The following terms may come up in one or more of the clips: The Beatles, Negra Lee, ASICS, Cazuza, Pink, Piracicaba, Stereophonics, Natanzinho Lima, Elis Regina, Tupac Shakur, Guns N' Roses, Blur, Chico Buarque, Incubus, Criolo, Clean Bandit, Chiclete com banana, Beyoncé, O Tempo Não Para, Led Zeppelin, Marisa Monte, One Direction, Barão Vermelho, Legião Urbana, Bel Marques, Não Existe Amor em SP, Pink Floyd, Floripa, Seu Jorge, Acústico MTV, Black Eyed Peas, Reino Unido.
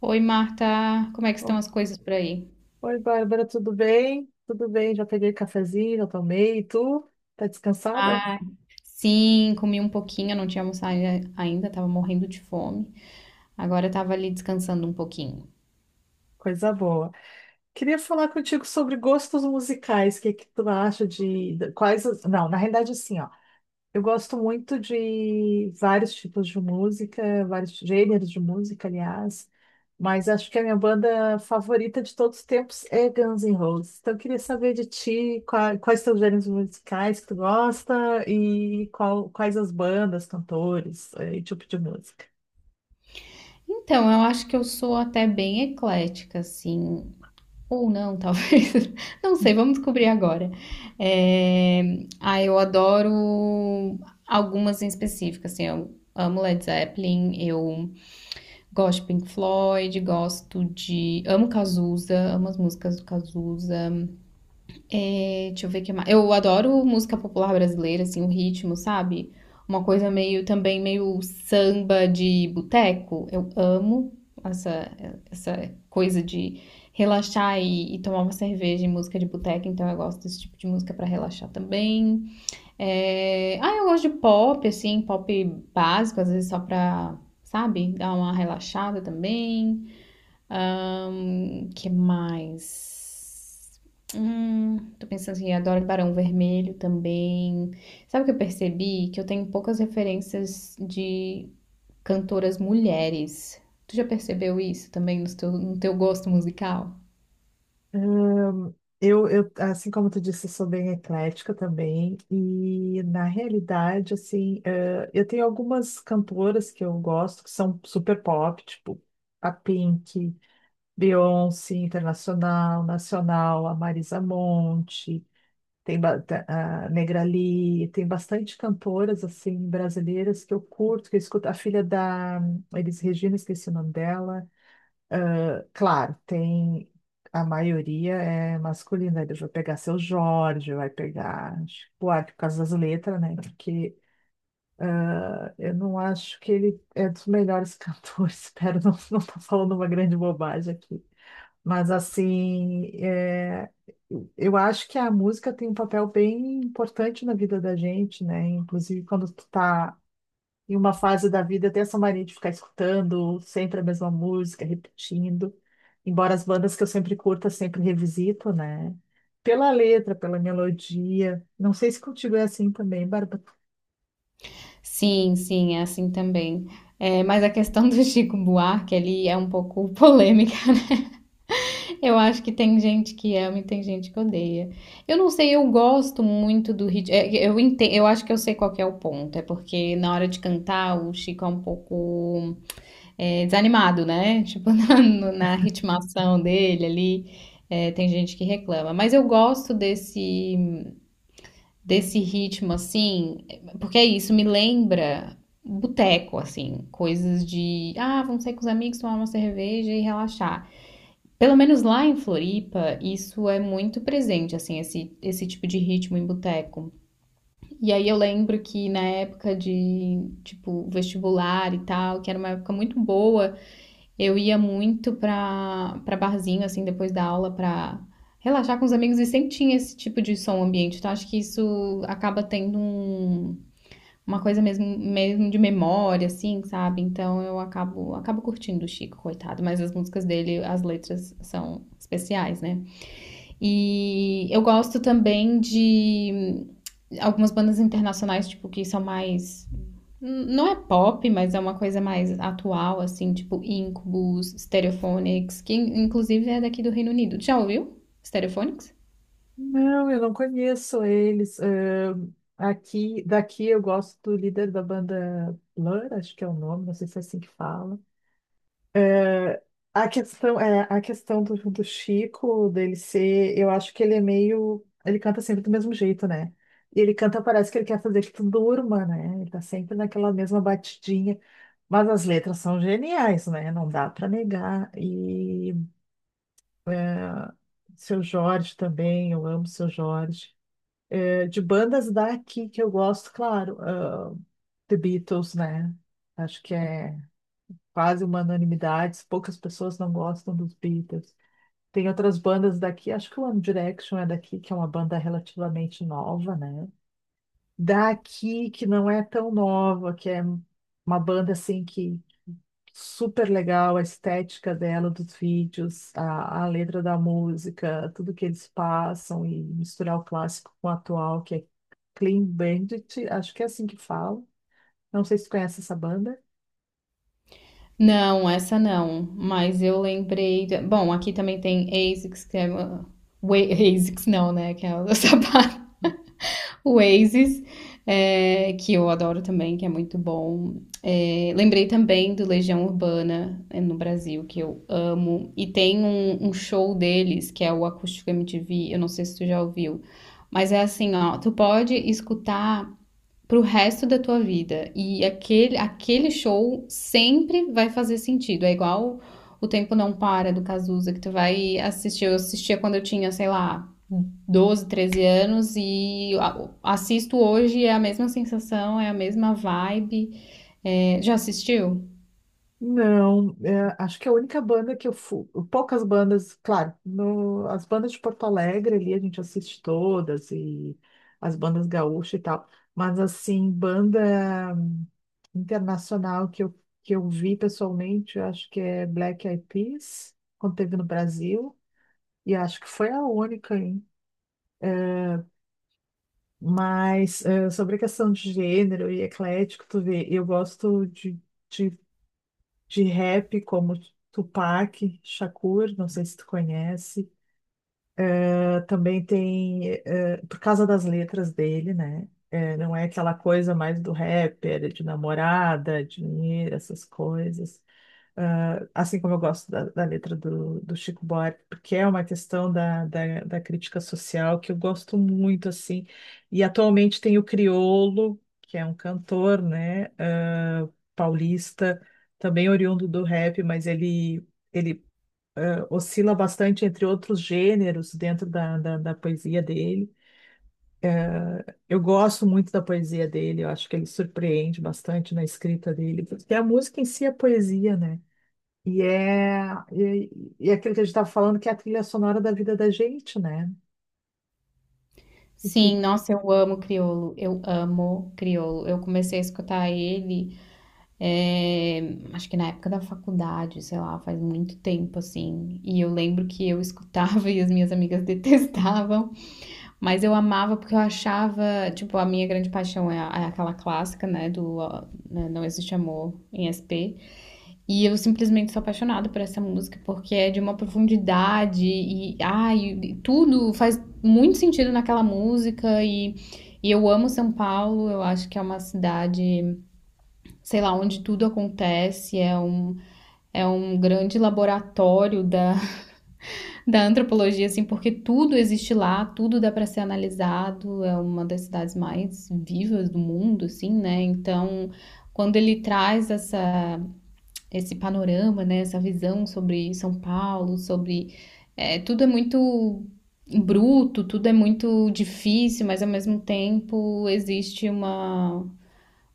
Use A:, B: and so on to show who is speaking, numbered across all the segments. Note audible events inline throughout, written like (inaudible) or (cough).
A: Oi, Marta, como é que estão
B: Bom.
A: as coisas por aí?
B: Oi, Bárbara, tudo bem? Tudo bem, já peguei cafezinho, já tomei. E tu? Tá descansada?
A: Ah, sim, comi um pouquinho, eu não tinha almoçado ainda, tava morrendo de fome. Agora eu tava ali descansando um pouquinho.
B: Coisa boa. Queria falar contigo sobre gostos musicais. O que que tu acha de- quais? As- Não, na realidade, assim, ó. Eu gosto muito de vários tipos de música, vários gêneros de música, aliás, mas acho que a minha banda favorita de todos os tempos é Guns N' Roses. Então, eu queria saber de ti quais são os gêneros musicais que tu gosta e quais as bandas, cantores, e tipo de música.
A: Então, eu acho que eu sou até bem eclética, assim. Ou não, talvez. (laughs) Não sei, vamos descobrir agora. É, eu adoro algumas em específico, assim, eu amo Led Zeppelin, eu gosto de Pink Floyd, gosto de... Amo Cazuza, amo as músicas do Cazuza. Deixa eu ver o que mais. Eu adoro música popular brasileira, assim, o ritmo, sabe? Uma coisa meio também meio samba de boteco. Eu amo essa, essa coisa de relaxar e tomar uma cerveja em música de boteco, então eu gosto desse tipo de música pra relaxar também. Eu gosto de pop, assim, pop básico, às vezes só pra, sabe, dar uma relaxada também. Ah, o que mais? Tô pensando assim, adoro Barão Vermelho também. Sabe o que eu percebi? Que eu tenho poucas referências de cantoras mulheres. Tu já percebeu isso também no teu gosto musical?
B: Eu, assim como tu disse, eu sou bem eclética também, e na realidade, assim, eu tenho algumas cantoras que eu gosto, que são super pop, tipo a Pink, Beyoncé, Internacional, Nacional, a Marisa Monte, tem ba- ta- a Negra Lee, tem bastante cantoras, assim, brasileiras que eu curto, que eu escuto, a filha da Elis Regina, esqueci o nome dela, claro, tem. A maioria é masculina. Ele vai pegar Seu Jorge, vai pegar. Tipo, ah, por causa das letras, né? Porque eu não acho que ele é dos melhores (laughs) cantores. Espero não estar falando uma grande bobagem aqui. Mas, assim, é, eu acho que a música tem um papel bem importante na vida da gente, né? Inclusive, quando tu tá em uma fase da vida, eu tenho essa mania de ficar escutando sempre a mesma música, repetindo. Embora as bandas que eu sempre curto, eu sempre revisito, né? Pela letra, pela melodia. Não sei se contigo é assim também, Bárbara.
A: Sim, sim, é assim também. É, mas a questão (laughs) do Chico Buarque ali é um pouco (laughs) polêmica. Eu acho que tem gente que ama e tem gente que odeia. Eu não sei, eu gosto muito do ritmo. Eu entendo, eu acho que eu sei qual que é o ponto. É porque na hora de cantar o Chico é um pouco desanimado, né? (laughs) Tipo, na, no- na ritmação dele ali, tem gente que reclama. Mas eu gosto desse ritmo, assim, porque é isso, me lembra boteco, assim, coisas de, ah, vamos sair com os amigos, tomar uma cerveja e relaxar. Pelo menos lá em Floripa, isso é muito presente, assim, esse tipo de ritmo em boteco. E aí eu lembro que na época de, tipo, vestibular e tal, que era uma época muito boa, eu ia muito pra barzinho, assim, depois da aula pra relaxar com os amigos e sempre tinha esse tipo de som ambiente. Então acho que isso acaba tendo uma coisa mesmo, mesmo de memória, assim, sabe? Então eu acabo curtindo o Chico, coitado, mas as músicas dele, as letras são especiais, né? E eu gosto também de algumas bandas internacionais, tipo, que são mais. Não é pop, mas é uma coisa mais atual, assim, tipo Incubus, Stereophonics, que inclusive é daqui do Reino Unido. Já ouviu? Stereophonics?
B: Não, eu não conheço eles. Aqui, daqui eu gosto do líder da banda Blur, acho que é o nome, não sei se é assim que fala. A questão, é, a questão do, do Chico, dele ser, eu acho que ele é meio. Ele canta sempre do mesmo jeito, né? E ele canta, parece que ele quer fazer que tu durma, né? Ele tá sempre naquela mesma batidinha. Mas as letras são geniais, né? Não dá pra negar. E ah, Seu Jorge também, eu amo Seu Jorge. É, de bandas daqui que eu gosto, claro, ah, The Beatles, né? Acho que é quase uma unanimidade, poucas pessoas não gostam dos Beatles. Tem outras bandas daqui, acho que o One Direction é daqui, que é uma banda relativamente nova, né? Daqui, que não é tão nova, que é uma banda assim que super legal, a estética dela, dos vídeos, a letra da música, tudo que eles passam e misturar o clássico com o atual, que é Clean Bandit, acho que é assim que fala. Não sei se tu conhece essa banda.
A: Não, essa não. Mas eu lembrei. Bom, aqui também tem ASICS, que é. (laughs) ASICS não, né? Que é o (laughs) sapato. O Asics, é, que eu adoro também, que é muito bom. É, lembrei também do Legião Urbana no Brasil, que eu amo. E tem um show deles, que é o Acústico MTV. Eu não sei se tu já ouviu. Mas é assim, ó, tu pode escutar pro resto da tua vida. E aquele show sempre vai fazer sentido. É igual O Tempo Não Para, do Cazuza, que tu vai assistir. Eu assistia quando eu tinha, sei lá, 12, 13 anos e assisto hoje, é a mesma sensação, é a mesma vibe. É, já assistiu?
B: Não, é, acho que a única banda que eu fui, poucas bandas, claro, as bandas de Porto Alegre ali a gente assiste todas e as bandas gaúchas e tal, mas assim, banda internacional que eu vi pessoalmente, eu acho que é Black Eyed Peas, quando teve no Brasil, e acho que foi a única, hein? Mas sobre a questão de gênero e eclético, tu vê, eu gosto de, de de rap como Tupac Shakur, não sei se tu conhece. Também tem, por causa das letras dele, né? Não é aquela coisa mais do rapper, de namorada, dinheiro, essas coisas, assim como eu gosto da, da letra do, do Chico Buarque, porque é uma questão da crítica social que eu gosto muito, assim. E atualmente tem o Criolo, que é um cantor, né, paulista, também oriundo do rap, mas ele oscila bastante entre outros gêneros dentro da poesia dele. Eu gosto muito da poesia dele, eu acho que ele surpreende bastante na escrita dele, porque a música em si é poesia, né? E é, e, e é aquilo que a gente estava falando, que é a trilha sonora da vida da gente, né? O que
A: Sim, nossa, eu amo Criolo, eu amo Criolo. Eu comecei a escutar ele. É, acho que na época da faculdade, sei lá, faz muito tempo assim. E eu lembro que eu (laughs) escutava e as minhas amigas detestavam, mas eu amava porque eu achava, tipo, a minha grande paixão é aquela clássica, né, Não Existe Amor em SP. E eu simplesmente sou apaixonada por essa música porque é de uma profundidade e, ai, e tudo faz muito sentido naquela música e. E eu amo São Paulo, eu acho que é uma cidade, sei lá, onde tudo acontece, é é um grande laboratório da, (laughs) da antropologia, assim, porque tudo existe lá, tudo dá para ser analisado, é uma das cidades mais vivas do mundo, assim, né? Então, quando ele traz esse panorama, né, essa visão sobre São Paulo, sobre. Tudo é muito bruto, tudo é muito difícil, mas ao mesmo tempo existe uma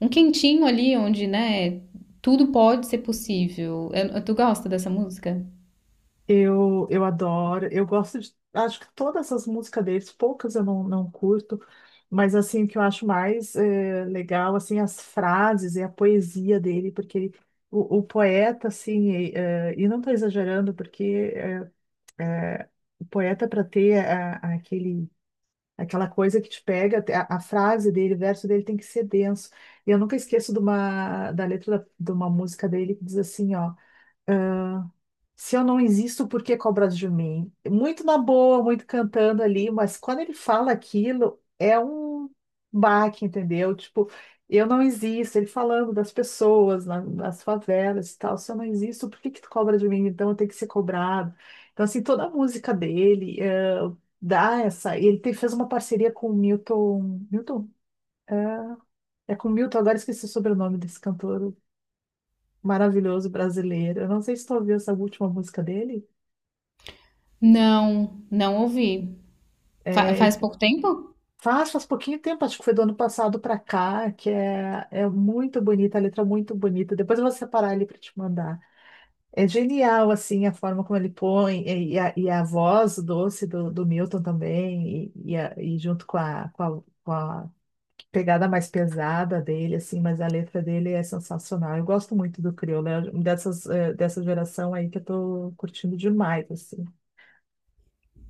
A: um quentinho ali onde, né, tudo pode ser possível. Tu gosta dessa música?
B: eu adoro, eu gosto de, acho que todas as músicas deles, poucas eu não, não curto, mas assim, o que eu acho mais legal, assim, as frases e a poesia dele, porque o poeta, assim, e não estou exagerando, porque eh, o poeta, para ter a- aquele aquela coisa que te pega, a frase dele, o verso dele tem que ser denso. E eu nunca esqueço de uma, da letra da- de uma música dele que diz assim, ó. Se eu não existo, por que cobrar de mim? Muito na boa, muito cantando ali, mas quando ele fala aquilo, é um baque, entendeu? Tipo, eu não existo. Ele falando das pessoas, nas favelas e tal. Se eu não existo, por que que tu cobra de mim? Então eu tenho que ser cobrado. Então, assim, toda a música dele dá essa. Ele fez uma parceria com o Milton. Milton? É com o Milton, agora esqueci o sobrenome desse cantor maravilhoso brasileiro. Eu não sei se tu ouviu essa última música dele.
A: Não, não ouvi.
B: é
A: Faz pouco tempo?
B: faz pouquinho tempo, acho que foi do ano passado para cá, que é, é muito bonita, a letra é muito bonita. Depois eu vou separar ele para te mandar. É genial, assim, a forma como ele põe, e a voz doce do Milton também, e junto com a, pegada mais pesada dele, assim, mas a letra dele é sensacional. Eu gosto muito do Criolo, é um dessas, dessa geração aí que eu tô curtindo demais, assim,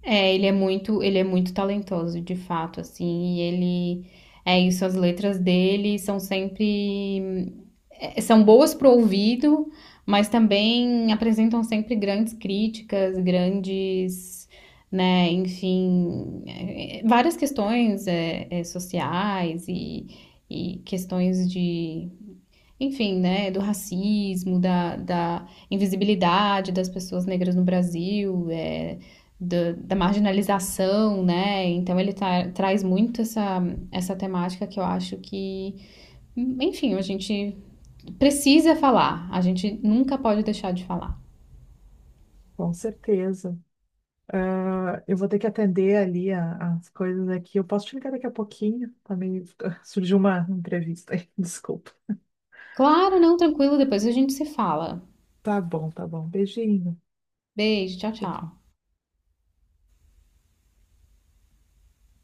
A: É, ele é muito talentoso, de fato, assim, e ele é isso, as letras dele são sempre são boas para o ouvido, mas também apresentam sempre grandes críticas, grandes, né, enfim, várias questões sociais e questões de, enfim, né, do racismo, da invisibilidade das pessoas negras no Brasil, é, da marginalização, né? Então ele traz muito essa temática que eu acho que, enfim, a gente precisa falar. A gente nunca pode deixar de falar.
B: com certeza. Ah, eu vou ter que atender ali as coisas aqui. Eu posso te ligar daqui a pouquinho? Também (laughs) surgiu uma entrevista aí, (laughs) desculpa.
A: Claro, não, tranquilo, depois a gente se fala.
B: Tá bom, tá bom. Beijinho.
A: Beijo, tchau,
B: Tchau,
A: tchau.
B: tchau.